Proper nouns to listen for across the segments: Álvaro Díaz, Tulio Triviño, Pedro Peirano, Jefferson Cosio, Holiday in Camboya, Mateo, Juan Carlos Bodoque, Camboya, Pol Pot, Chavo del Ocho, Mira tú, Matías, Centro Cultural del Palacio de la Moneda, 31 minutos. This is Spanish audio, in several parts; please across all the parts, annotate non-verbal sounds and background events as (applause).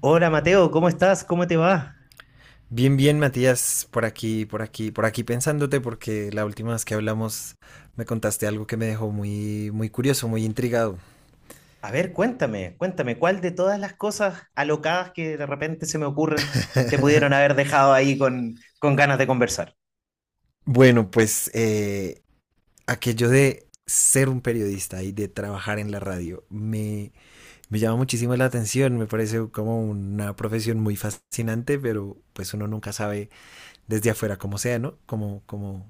Hola Mateo, ¿cómo estás? ¿Cómo te va? Bien, bien, Matías, por aquí, por aquí, por aquí pensándote, porque la última vez que hablamos me contaste algo que me dejó muy, muy curioso, muy intrigado. A ver, cuéntame, cuéntame, ¿cuál de todas las cosas alocadas que de repente se me ocurren te pudieron haber dejado ahí con, ganas de conversar? Bueno, pues aquello de ser un periodista y de trabajar en la radio me llama muchísimo la atención, me parece como una profesión muy fascinante, pero pues uno nunca sabe desde afuera cómo sea, ¿no? Como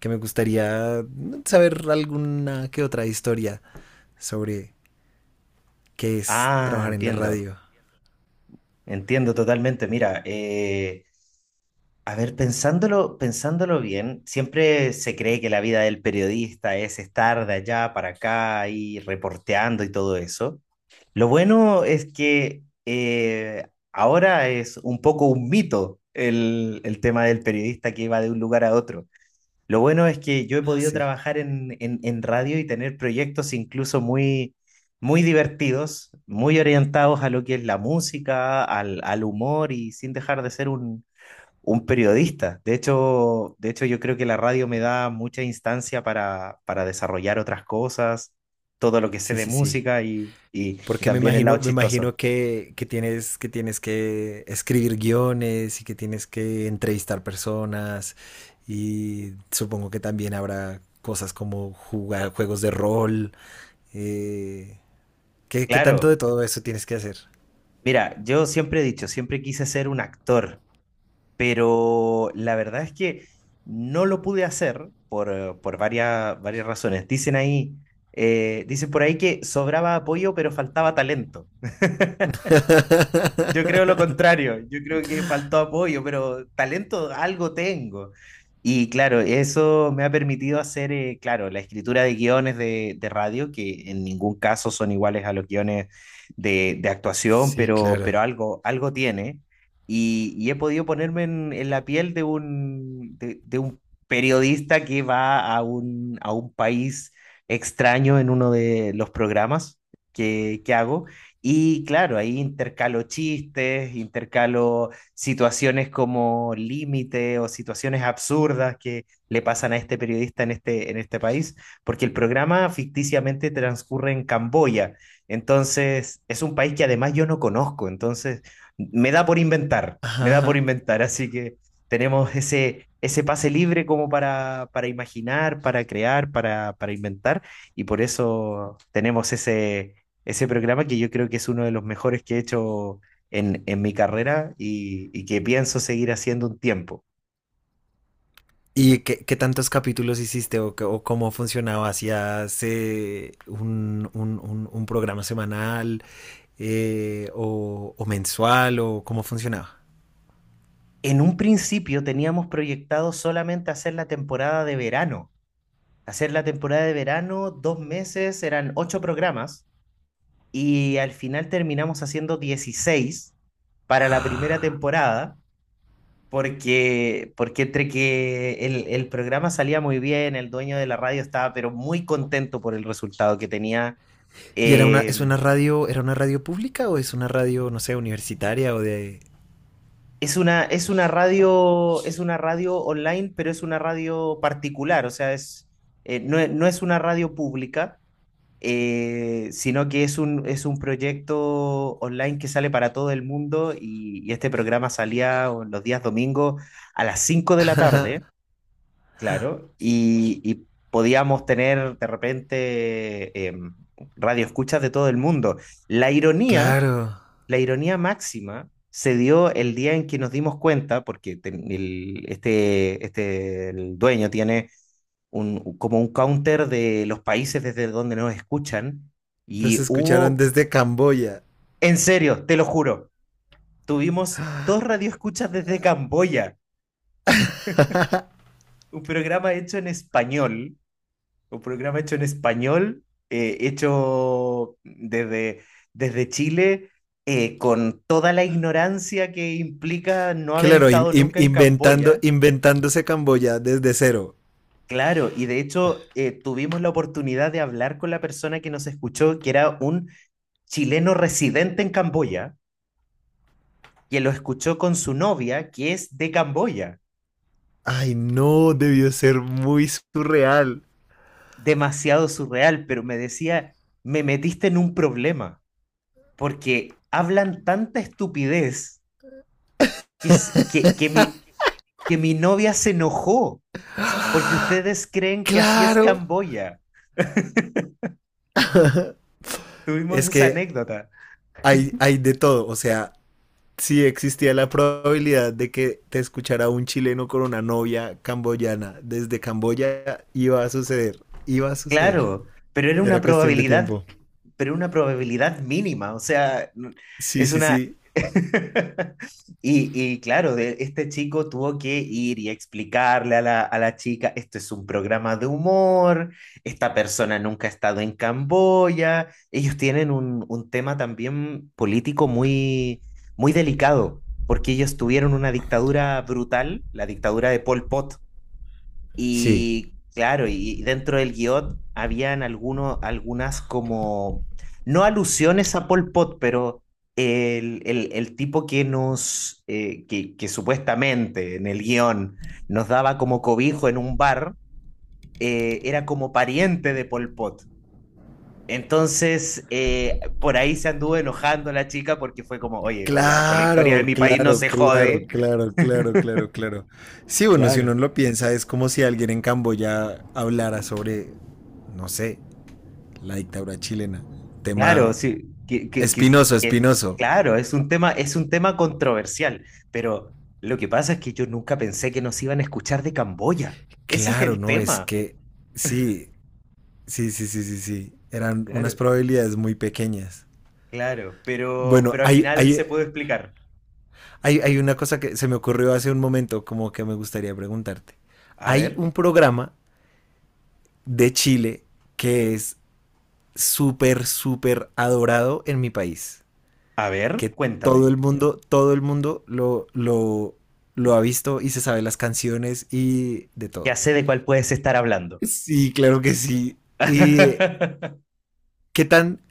que me gustaría saber alguna que otra historia sobre qué es Ah, trabajar en la entiendo, radio. entiendo totalmente. Mira, a ver, pensándolo, pensándolo bien, siempre se cree que la vida del periodista es estar de allá para acá y reporteando y todo eso. Lo bueno es que ahora es un poco un mito el tema del periodista que va de un lugar a otro. Lo bueno es que yo he Ah, podido sí, trabajar en radio y tener proyectos incluso muy, muy divertidos, muy orientados a lo que es la música, al humor y sin dejar de ser un periodista. De hecho, yo creo que la radio me da mucha instancia para desarrollar otras cosas, todo lo que sé sí, de sí, sí. música y Porque también el lado me chistoso. imagino que tienes, que tienes que escribir guiones y que tienes que entrevistar personas y supongo que también habrá cosas como jugar juegos de rol. eh, qué tanto de Claro, todo eso tienes que hacer? mira, yo siempre he dicho, siempre quise ser un actor, pero la verdad es que no lo pude hacer por varias, varias razones. Dicen ahí, dicen por ahí que sobraba apoyo, pero faltaba talento. Yo creo lo (laughs) contrario, yo creo que faltó apoyo, pero talento algo tengo. Y claro, eso me ha permitido hacer, claro, la escritura de guiones de radio, que en ningún caso son iguales a los guiones de actuación, Sí, pero, claro. pero algo, algo tiene. Y he podido ponerme en la piel de un periodista que va a un país extraño en uno de los programas que hago y claro, ahí intercalo chistes, intercalo situaciones como límite o situaciones absurdas que le pasan a este periodista en este país, porque el programa ficticiamente transcurre en Camboya. Entonces, es un país que además yo no conozco, entonces me da por inventar, me da por Ajá. inventar, así que tenemos ese pase libre como para imaginar, para crear, para inventar, y por eso tenemos ese programa que yo creo que es uno de los mejores que he hecho en mi carrera y que pienso seguir haciendo un tiempo. ¿Y qué tantos capítulos hiciste qué- o cómo funcionaba? ¿Hacías un programa semanal, o mensual, o cómo funcionaba? En un principio teníamos proyectado solamente hacer la temporada de verano. Hacer la temporada de verano, 2 meses, eran ocho programas y al final terminamos haciendo 16 para la primera Ah. temporada porque entre que el programa salía muy bien, el dueño de la radio estaba pero muy contento por el resultado que tenía, ¿Y era una, eh, es una radio, era una radio pública o es una radio, no sé, universitaria o de... es una radio online, pero es una radio particular, o sea, no, no es una radio pública, sino que es un proyecto online que sale para todo el mundo y este programa salía los días domingos a las 5 de la tarde, claro, y podíamos tener de repente radioescuchas de todo el mundo. La ironía Claro, máxima se dio el día en que nos dimos cuenta, porque el dueño tiene como un counter de los países desde donde nos escuchan, los y escucharon hubo, desde Camboya. en serio, te lo juro, tuvimos dos radioescuchas desde Camboya, un programa hecho en español Un programa hecho en español, hecho desde Chile, con toda la ignorancia que implica no haber Claro, estado nunca en inventando, Camboya. inventándose Camboya desde cero. Claro, y de hecho tuvimos la oportunidad de hablar con la persona que nos escuchó, que era un chileno residente en Camboya, que lo escuchó con su novia, que es de Camboya. Ay, no, debió ser muy surreal. Demasiado surreal, pero me decía, me metiste en un problema, porque hablan tanta estupidez que mi novia se enojó porque ustedes creen que así es Claro, Camboya. Tuvimos es esa que anécdota. hay de todo, o sea, si existía la probabilidad de que te escuchara un chileno con una novia camboyana desde Camboya, iba a suceder, iba a suceder. Claro, pero era una Era cuestión de probabilidad, tiempo. pero una probabilidad mínima. O sea, Sí, es sí, una sí. (laughs) Y claro, de, este chico tuvo que ir y explicarle a la chica, esto es un programa de humor, esta persona nunca ha estado en Camboya, ellos tienen un tema también político muy, muy delicado, porque ellos tuvieron una dictadura brutal, la dictadura de Pol Pot, Sí. y claro, y dentro del guión habían algunos, algunas como, no alusiones a Pol Pot, pero el tipo que supuestamente en el guión nos daba como cobijo en un bar, era como pariente de Pol Pot. Entonces, por ahí se anduvo enojando la chica porque fue como, oye, con la historia de Claro, mi país no claro, se claro, jode. claro, claro, claro, claro. Sí, bueno, si uno lo piensa, es como si alguien en Camboya hablara sobre, no sé, la dictadura chilena. Claro, Tema sí, espinoso, espinoso. claro, es un tema controversial, pero lo que pasa es que yo nunca pensé que nos iban a escuchar de Camboya. (laughs) Ese es Claro, el no, es tema. que sí, sí, sí, sí, sí, sí. Eran unas Claro. probabilidades muy pequeñas. Claro, pero, Bueno, pero al final se puede explicar. Hay una cosa que se me ocurrió hace un momento, como que me gustaría preguntarte. A Hay ver, un programa de Chile que es súper, súper adorado en mi país. a ver, Que cuéntame. Todo el mundo lo ha visto y se sabe las canciones y de todo. Ya sé de cuál puedes estar hablando. Sí, claro que sí. ¿Y (laughs) qué tan...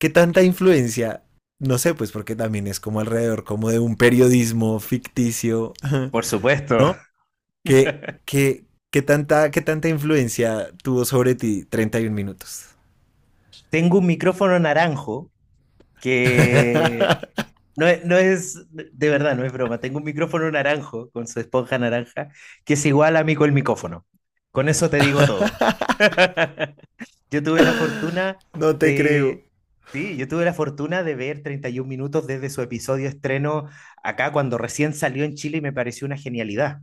¿Qué tanta influencia? No sé, pues porque también es como alrededor, como de un periodismo ficticio, Por (laughs) supuesto. ¿no? ¿Qué, qué, qué tanta influencia tuvo sobre ti 31 minutos? Tengo un micrófono naranjo que (laughs) No es, no es, de verdad, no es broma. Tengo un micrófono naranjo con su esponja naranja que es igual a mí con el micrófono. Con eso te digo todo. (laughs) Yo tuve la fortuna No te creo. de... Sí, yo tuve la fortuna de ver 31 minutos desde su episodio estreno acá cuando recién salió en Chile y me pareció una genialidad.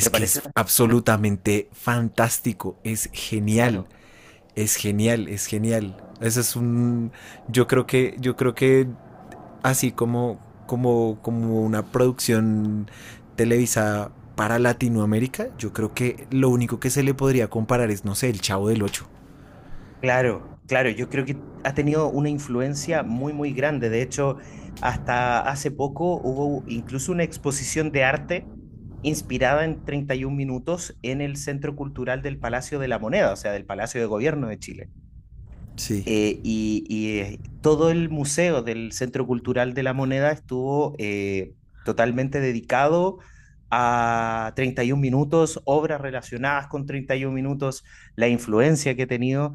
Me que pareció es una... absolutamente fantástico, es genial, Claro. es genial, es genial. Eso es un... yo creo que así como una producción televisada para Latinoamérica, yo creo que lo único que se le podría comparar es, no sé, el Chavo del Ocho. Claro, claro, yo creo que ha tenido una influencia muy, muy grande. De hecho, hasta hace poco hubo incluso una exposición de arte inspirada en 31 minutos en el Centro Cultural del Palacio de la Moneda, o sea, del Palacio de Gobierno de Chile Sí. Y, todo el museo del Centro Cultural de la Moneda estuvo totalmente dedicado a 31 minutos, obras relacionadas con 31 minutos, la influencia que ha tenido.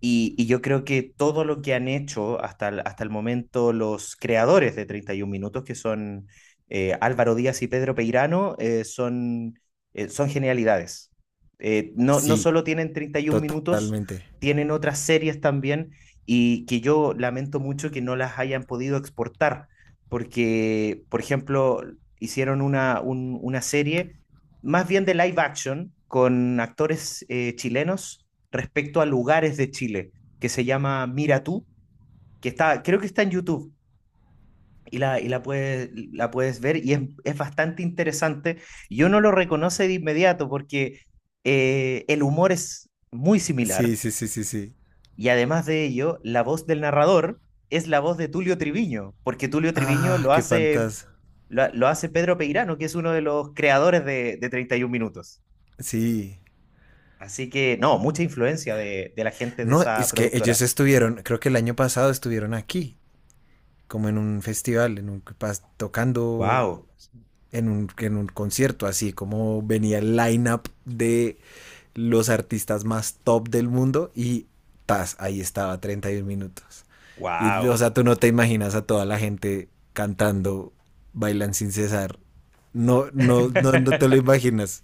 Y yo creo que todo lo que han hecho hasta el momento los creadores de 31 minutos, que son Álvaro Díaz y Pedro Peirano, son genialidades. No, no Sí, solo tienen 31 minutos, totalmente. tienen otras series también y que yo lamento mucho que no las hayan podido exportar, porque, por ejemplo, hicieron una serie más bien de live action con actores chilenos respecto a lugares de Chile, que se llama Mira tú, que está, creo que está en YouTube. La puedes ver y es bastante interesante. Yo no lo reconoce de inmediato porque el humor es muy similar, Sí, sí, sí, sí, sí. y además de ello, la voz del narrador es la voz de Tulio Triviño, porque Tulio Triviño Ah, lo qué hace, fantasma. lo hace Pedro Peirano, que es uno de los creadores de 31 Minutos. Sí. Así que, no, mucha influencia de la gente de No, esa es que ellos productora. estuvieron, creo que el año pasado estuvieron aquí, como en un festival, en un pas tocando ¡Wow! En un concierto, así como venía el line-up de los artistas más top del mundo y tas, ahí estaba 31 minutos. Y o ¡Wow! sea, tú no te imaginas a toda la gente cantando, bailan sin cesar. No, no, no, no te lo (laughs) imaginas.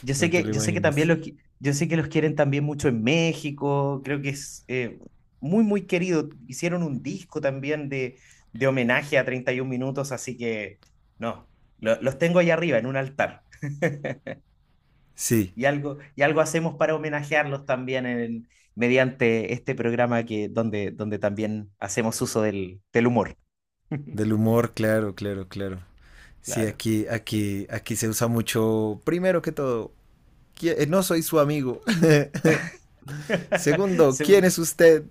Yo sé No te que, lo yo sé que también imaginas. los, qui- yo sé que los quieren también mucho en México, creo que es muy, muy querido. Hicieron un disco también de homenaje a 31 minutos, así que no, los tengo ahí arriba en un altar. Sí, Y algo hacemos para homenajearlos también mediante este programa que, donde también hacemos uso del humor. (laughs) del humor, claro, claro, claro. Sí, Claro. aquí, aquí, aquí se usa mucho, primero que todo, ¿quién-? No soy su amigo. (laughs) (laughs) Segundo, ¿quién Según es usted?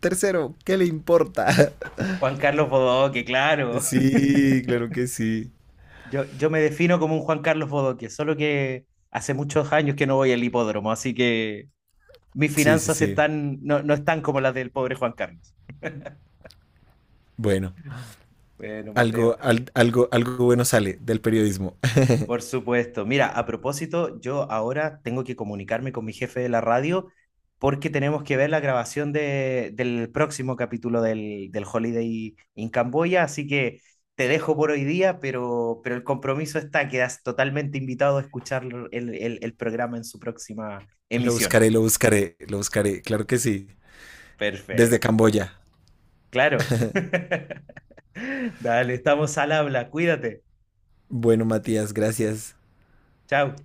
Tercero, ¿qué le importa? (laughs) Juan Carlos Bodoque, claro. Sí, claro que sí. Yo me defino como un Juan Carlos Bodoque, solo que hace muchos años que no voy al hipódromo, así que mis Sí, sí, finanzas sí. están, no, no están como las del pobre Juan Carlos. Bueno, Bueno, Mateo, algo bueno sale del periodismo. (laughs) por supuesto. Mira, a propósito, yo ahora tengo que comunicarme con mi jefe de la radio porque tenemos que ver la grabación del próximo capítulo del Holiday in Camboya, así que te dejo por hoy día, pero el compromiso está, quedas totalmente invitado a escuchar el programa en su próxima Lo emisión. buscaré, lo buscaré, lo buscaré, claro que sí. Desde Perfecto. Camboya. Claro. (laughs) Dale, estamos al habla. Cuídate. Bueno, Matías, gracias. Chao.